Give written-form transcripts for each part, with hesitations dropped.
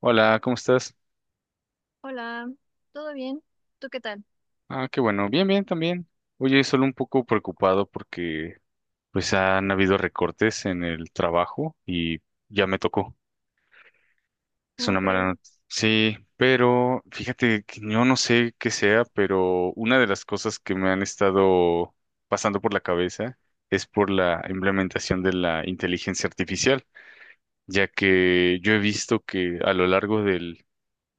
Hola, ¿cómo estás? Hola, ¿todo bien? ¿Tú qué tal? Ah, qué bueno, bien, bien también. Oye, solo un poco preocupado porque pues han habido recortes en el trabajo y ya me tocó. Es ¿Cómo una mala crees? noticia. Sí, pero fíjate que yo no sé qué sea, pero una de las cosas que me han estado pasando por la cabeza es por la implementación de la inteligencia artificial, ya que yo he visto que a lo largo del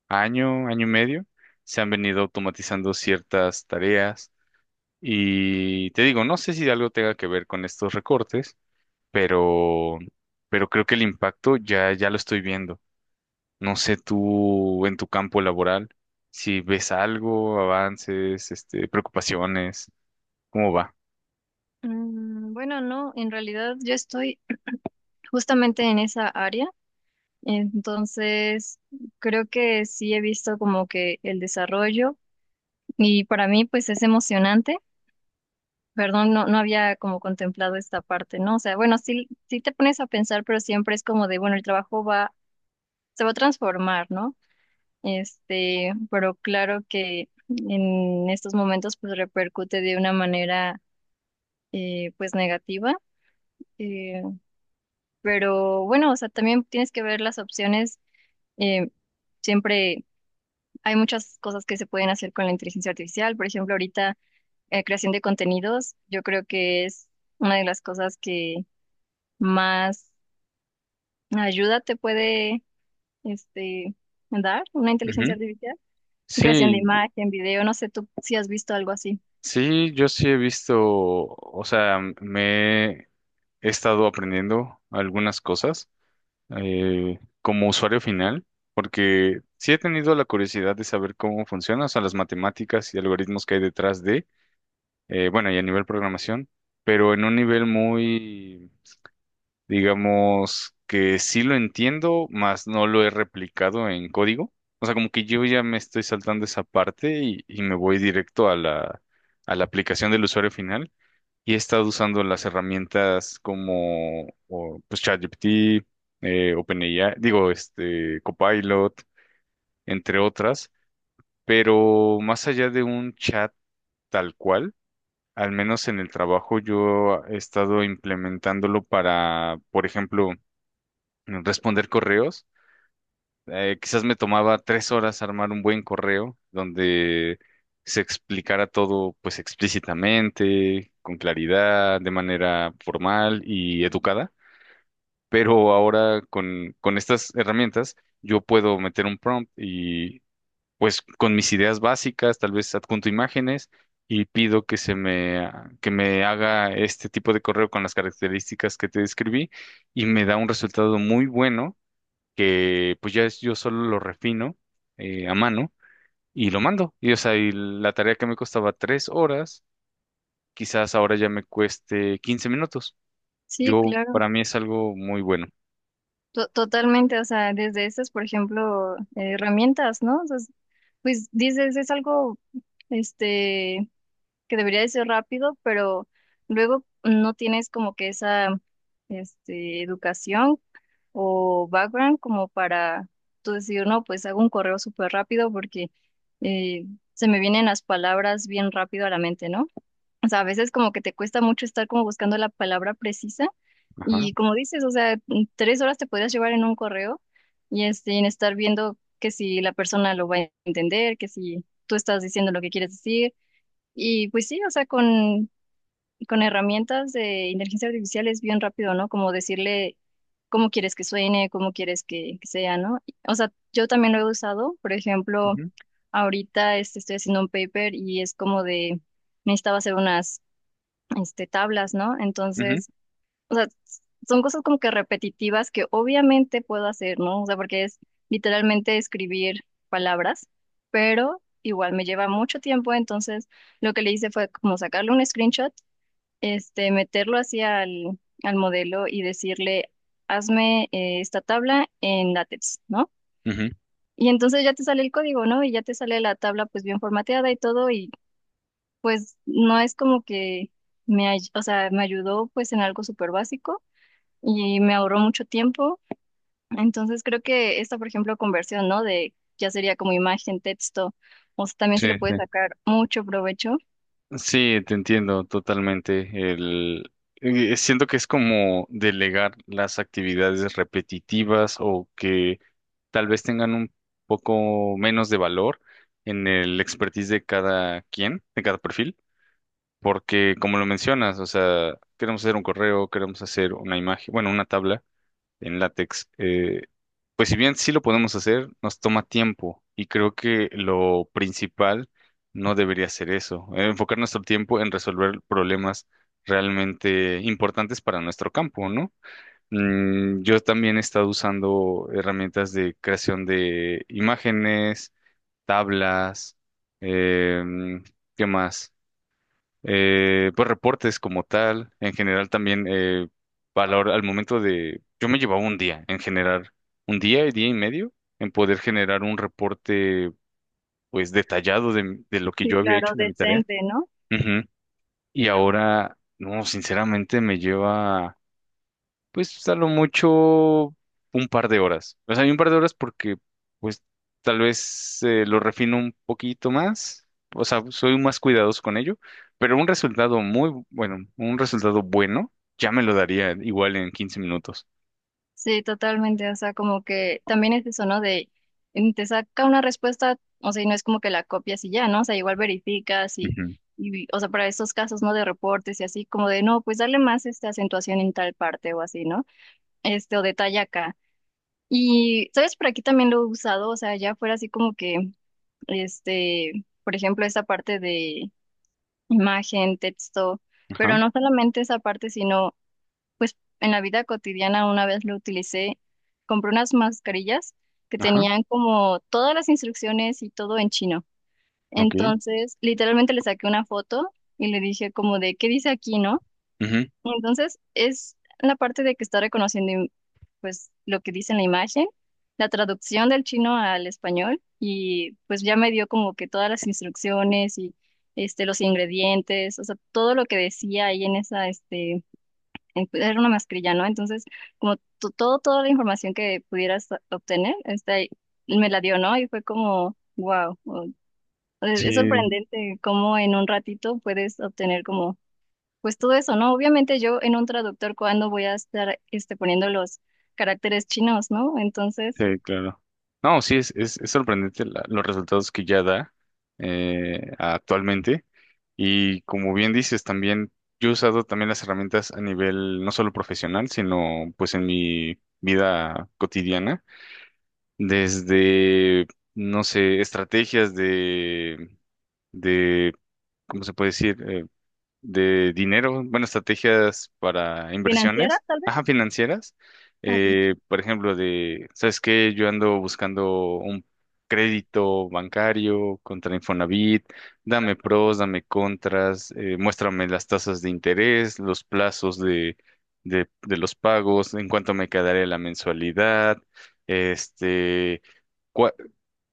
año, año y medio, se han venido automatizando ciertas tareas. Y te digo, no sé si algo tenga que ver con estos recortes, pero, pero creo que el impacto ya lo estoy viendo. No sé tú en tu campo laboral si ves algo, avances, este, preocupaciones, ¿cómo va? Bueno, no, en realidad yo estoy justamente en esa área, entonces creo que sí he visto como que el desarrollo y para mí pues es emocionante. Perdón, no, había como contemplado esta parte, ¿no? O sea, bueno, sí, sí te pones a pensar, pero siempre es como de, bueno, el trabajo va, se va a transformar, ¿no? Este, pero claro que en estos momentos pues repercute de una manera pues negativa. eh, pero bueno, o sea, también tienes que ver las opciones. eh, Siempre hay muchas cosas que se pueden hacer con la inteligencia artificial. Por ejemplo, ahorita creación de contenidos, yo creo que es una de las cosas que más ayuda te puede este, dar una Ujú. inteligencia artificial. Sí, Creación de imagen, video, no sé tú si has visto algo así. sí, yo sí he visto, o sea, me he estado aprendiendo algunas cosas como usuario final, porque sí he tenido la curiosidad de saber cómo funciona, o sea, las matemáticas y algoritmos que hay detrás de, bueno, y a nivel programación, pero en un nivel muy, digamos, que sí lo entiendo, más no lo he replicado en código. O sea, como que yo ya me estoy saltando esa parte y me voy directo a la aplicación del usuario final y he estado usando las herramientas como o, pues ChatGPT, OpenAI, digo, este, Copilot, entre otras, pero más allá de un chat tal cual, al menos en el trabajo yo he estado implementándolo para, por ejemplo, responder correos. Quizás me tomaba 3 horas armar un buen correo donde se explicara todo pues explícitamente, con claridad, de manera formal y educada. Pero ahora con estas herramientas yo puedo meter un prompt y pues con mis ideas básicas, tal vez adjunto imágenes y pido que se me, que me haga este tipo de correo con las características que te describí y me da un resultado muy bueno que pues ya yo solo lo refino a mano y lo mando. Y o sea, y la tarea que me costaba 3 horas, quizás ahora ya me cueste 15 minutos. Sí, claro. Para mí es algo muy bueno. Totalmente, o sea, desde esas, por ejemplo, herramientas, ¿no? Pues dices, es algo, este, que debería de ser rápido, pero luego no tienes como que esa, este, educación o background como para tú decir, no, pues hago un correo súper rápido porque eh, se me vienen las palabras bien rápido a la mente, ¿no? O sea, a veces como que te cuesta mucho estar como buscando la palabra precisa Ajá. y como dices, o sea, en tres horas te podrías llevar en un correo y este, en estar viendo que si la persona lo va a entender, que si tú estás diciendo lo que quieres decir. Y pues sí, o sea, con herramientas de inteligencia artificial es bien rápido, ¿no? Como decirle cómo quieres que suene, cómo quieres que sea, ¿no? O sea, yo también lo he usado, por ejemplo, Ujú, ahorita este, estoy haciendo un paper y es como de, necesitaba hacer unas este, tablas, ¿no? ujú. Entonces, o sea, s- son cosas como que repetitivas que obviamente puedo hacer, ¿no? O sea, porque es literalmente escribir palabras, pero igual me lleva mucho tiempo, entonces lo que le hice fue como sacarle un screenshot, este, meterlo hacia al modelo y decirle, hazme esta tabla en LaTeX, ¿no? Ujú. Y entonces ya te sale el código, ¿no? Y ya te sale la tabla pues bien formateada y todo, y pues no es como que o sea, me ayudó pues en algo súper básico y me ahorró mucho tiempo. Entonces creo que esta, por ejemplo, conversión, ¿no? De ya sería como imagen, texto, o sea, también Sí, se le puede sí. sacar mucho provecho. Sí, te entiendo totalmente. El, Siento que es como delegar las actividades repetitivas o que tal vez tengan un poco menos de valor en el expertise de cada quien, de cada perfil, porque como lo mencionas, o sea, queremos hacer un correo, queremos hacer una imagen, bueno, una tabla en látex. Pues si bien sí lo podemos hacer, nos toma tiempo y creo que lo principal no debería ser eso, enfocar nuestro tiempo en resolver problemas realmente importantes para nuestro campo, ¿no? Yo también he estado usando herramientas de creación de imágenes, tablas, em, ¿qué más? Pues reportes como tal, en general también, a la al momento de, yo me llevaba un día en generar, un día y día y medio en poder generar un reporte pues detallado de lo que Sí, yo había claro, hecho de mi tarea. decente, ¿no? Ujú. Y ahora, no, sinceramente me lleva. Pues a lo mucho un par de horas. O sea, un par de horas porque, pues, tal vez lo refino un poquito más. O sea, soy más cuidadoso con ello. Pero un resultado muy bueno, un resultado bueno, ya me lo daría igual en 15 minutos. Sí, totalmente. O sea, como que también es eso, ¿no? De te saca una respuesta, o sea, y no es como que la copias y ya, ¿no? O sea, igual verificas Ujú. y o sea, para estos casos, ¿no? De reportes y así, como de, no, pues darle más esta acentuación en tal parte o así, ¿no? Este, o de talla acá. Y, ¿sabes? Por aquí también lo he usado, o sea, ya fuera así como que, este, por ejemplo, esta parte de imagen, texto, pero Ajá, no solamente esa parte, sino, pues, en la vida cotidiana una vez lo utilicé, compré unas mascarillas que ajá, tenían como todas las instrucciones y todo en chino. ok. Entonces, literalmente le saqué una foto y le dije como de, ¿qué dice aquí, no? Ujú. Y entonces, es la parte de que está reconociendo pues lo que dice en la imagen, la traducción del chino al español y pues ya me dio como que todas las instrucciones y este los ingredientes, o sea, todo lo que decía ahí en esa pues, era una mascarilla, ¿no? Entonces, como to- todo toda la información que pudieras obtener, está ahí, me la dio, ¿no? Y fue como wow, es Sí. sorprendente cómo en un ratito puedes obtener como pues todo eso, ¿no? Obviamente yo en un traductor, ¿cuándo voy a estar este, poniendo los caracteres chinos, ¿no? Entonces, Sí, claro. No, sí, es, es sorprendente los resultados que ya da actualmente. Y como bien dices, también yo he usado también las herramientas a nivel no solo profesional, sino pues en mi vida cotidiana, desde, no sé, estrategias de, ¿cómo se puede decir? De dinero, bueno, estrategias para financiera, inversiones, tal vez, ajá, financieras. a ti. Por ejemplo, de, ¿sabes qué? Yo ando buscando un crédito bancario contra Infonavit, dame pros, dame contras, muéstrame las tasas de interés, los plazos de, de los pagos, en cuánto me quedaría la mensualidad, este, cua-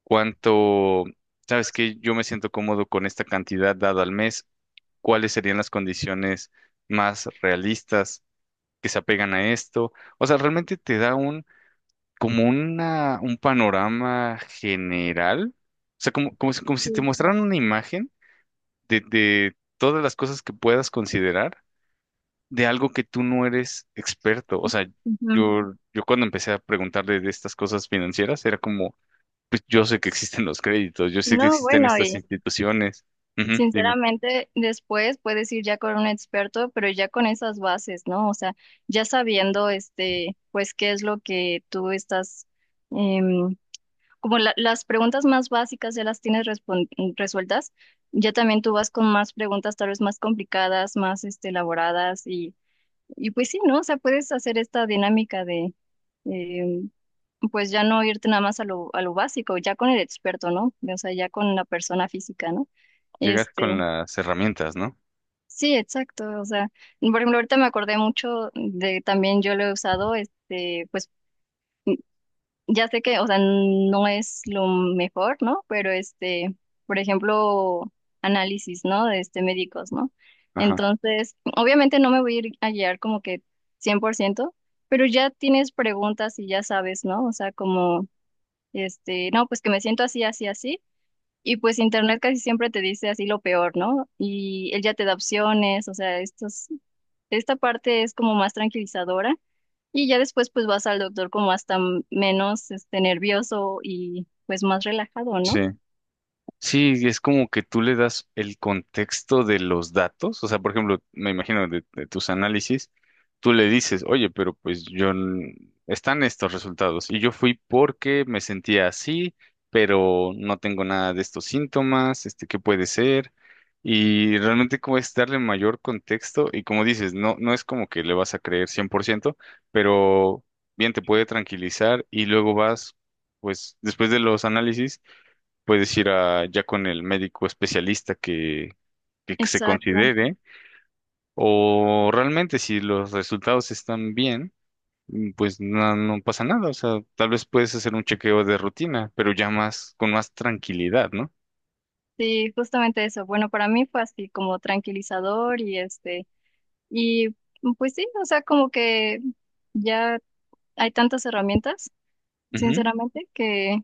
cuánto, ¿sabes qué? Yo me siento cómodo con esta cantidad dada al mes. Cuáles serían las condiciones más realistas que se apegan a esto. O sea, realmente te da un panorama general. O sea, como si te Sí, mostraran claro. una imagen de todas las cosas que puedas considerar de algo que tú no eres experto. O sea, Ujú. yo cuando empecé a preguntarle de estas cosas financieras, era como, pues yo sé que existen los créditos, yo sé que No, existen bueno, estas y instituciones. Ujú, dime, sinceramente después puedes ir ya con un experto, pero ya con esas bases, ¿no? O sea, ya sabiendo, este, pues qué es lo que tú estás, em, como las preguntas más básicas ya las tienes resueltas, ya también tú vas con más preguntas tal vez más complicadas, más, este, elaboradas y pues sí, ¿no? O sea, puedes hacer esta dinámica de, eh, pues ya no irte nada más a lo básico, ya con el experto, ¿no? O sea, ya con la persona física, ¿no? llegar con Este, las herramientas, ¿no? sí, exacto. O sea, por ejemplo, ahorita me acordé mucho de también yo lo he usado, este, pues ya sé que, o sea, no es lo mejor, ¿no? Pero este, por ejemplo, análisis, ¿no? De este médicos, ¿no? Ajá. Entonces, obviamente no me voy a ir a guiar como que cien por ciento, pero ya tienes preguntas y ya sabes, ¿no? O sea, como, este, no, pues que me siento así, así, así. Y pues internet casi siempre te dice así lo peor, ¿no? Y él ya te da opciones, o sea, estos, esta parte es como más tranquilizadora y ya después pues vas al doctor como hasta menos este nervioso y pues más relajado, ¿no? Sí. Sí, es como que tú le das el contexto de los datos. O sea, por ejemplo, me imagino de tus análisis, tú le dices, oye, pero pues están estos resultados y yo fui porque me sentía así, pero no tengo nada de estos síntomas, este, ¿qué puede ser? Y realmente como es darle mayor contexto y como dices, no, no es como que le vas a creer 100%, pero bien te puede tranquilizar y luego vas, pues después de los análisis puedes ir ya con el médico especialista que se Exacto. considere, o realmente si los resultados están bien, pues no, no pasa nada, o sea, tal vez puedes hacer un chequeo de rutina, pero ya más, con más tranquilidad, ¿no? Sí, justamente eso. Bueno, para mí fue así como tranquilizador y este y pues sí, o sea, como que ya hay tantas herramientas, Ujú, sinceramente,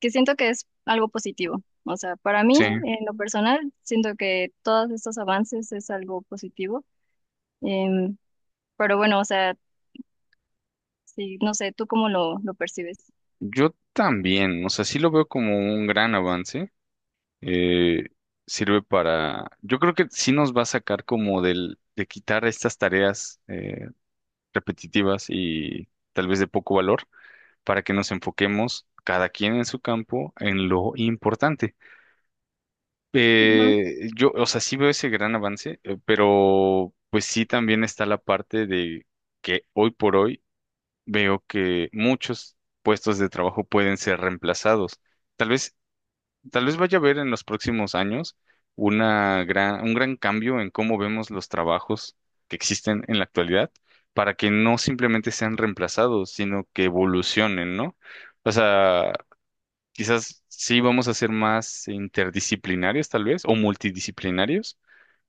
que siento que es algo positivo. O sea, para mí sí, en lo personal siento que todos estos avances es algo positivo. Em, pero bueno, o sea, sí, no sé, ¿tú cómo lo percibes? yo también, o sea, sí lo veo como un gran avance, eh, sirve para, yo creo que sí nos va a sacar como de quitar estas tareas repetitivas y tal vez de poco valor para que nos enfoquemos cada quien en su campo en lo importante. Yo, o sea, sí veo ese gran avance, pero pues sí también está la parte de que hoy por hoy veo que muchos puestos de trabajo pueden ser reemplazados. Tal vez, tal vez vaya a haber en los próximos años un gran cambio en cómo vemos los trabajos que existen en la actualidad para que no simplemente sean reemplazados, sino que evolucionen, ¿no? O sea, quizás sí vamos a ser más interdisciplinarios, tal vez, o multidisciplinarios,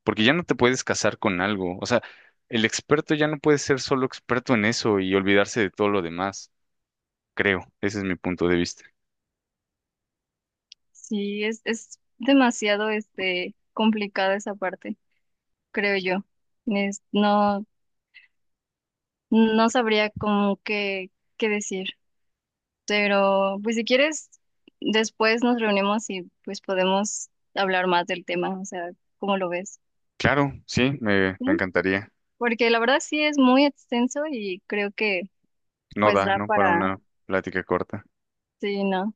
porque ya no te puedes casar con algo. O sea, el experto ya no puede ser solo experto en eso y olvidarse de todo lo demás, creo. Ese es mi punto de vista. Sí, es demasiado este complicada esa parte, creo yo. Es- no, no sabría cómo qué, qué decir. Pero, pues si quieres, después nos reunimos y pues podemos hablar más del tema, o sea, ¿cómo lo ves? Claro, sí, me Sí, encantaría. porque la verdad sí es muy extenso y creo que No pues da, da ¿no? Para para, una plática corta. sí, no.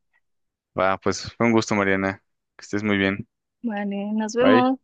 Va, pues fue un gusto, Mariana. Que estés muy bien. Vale, nos Bye. vemos.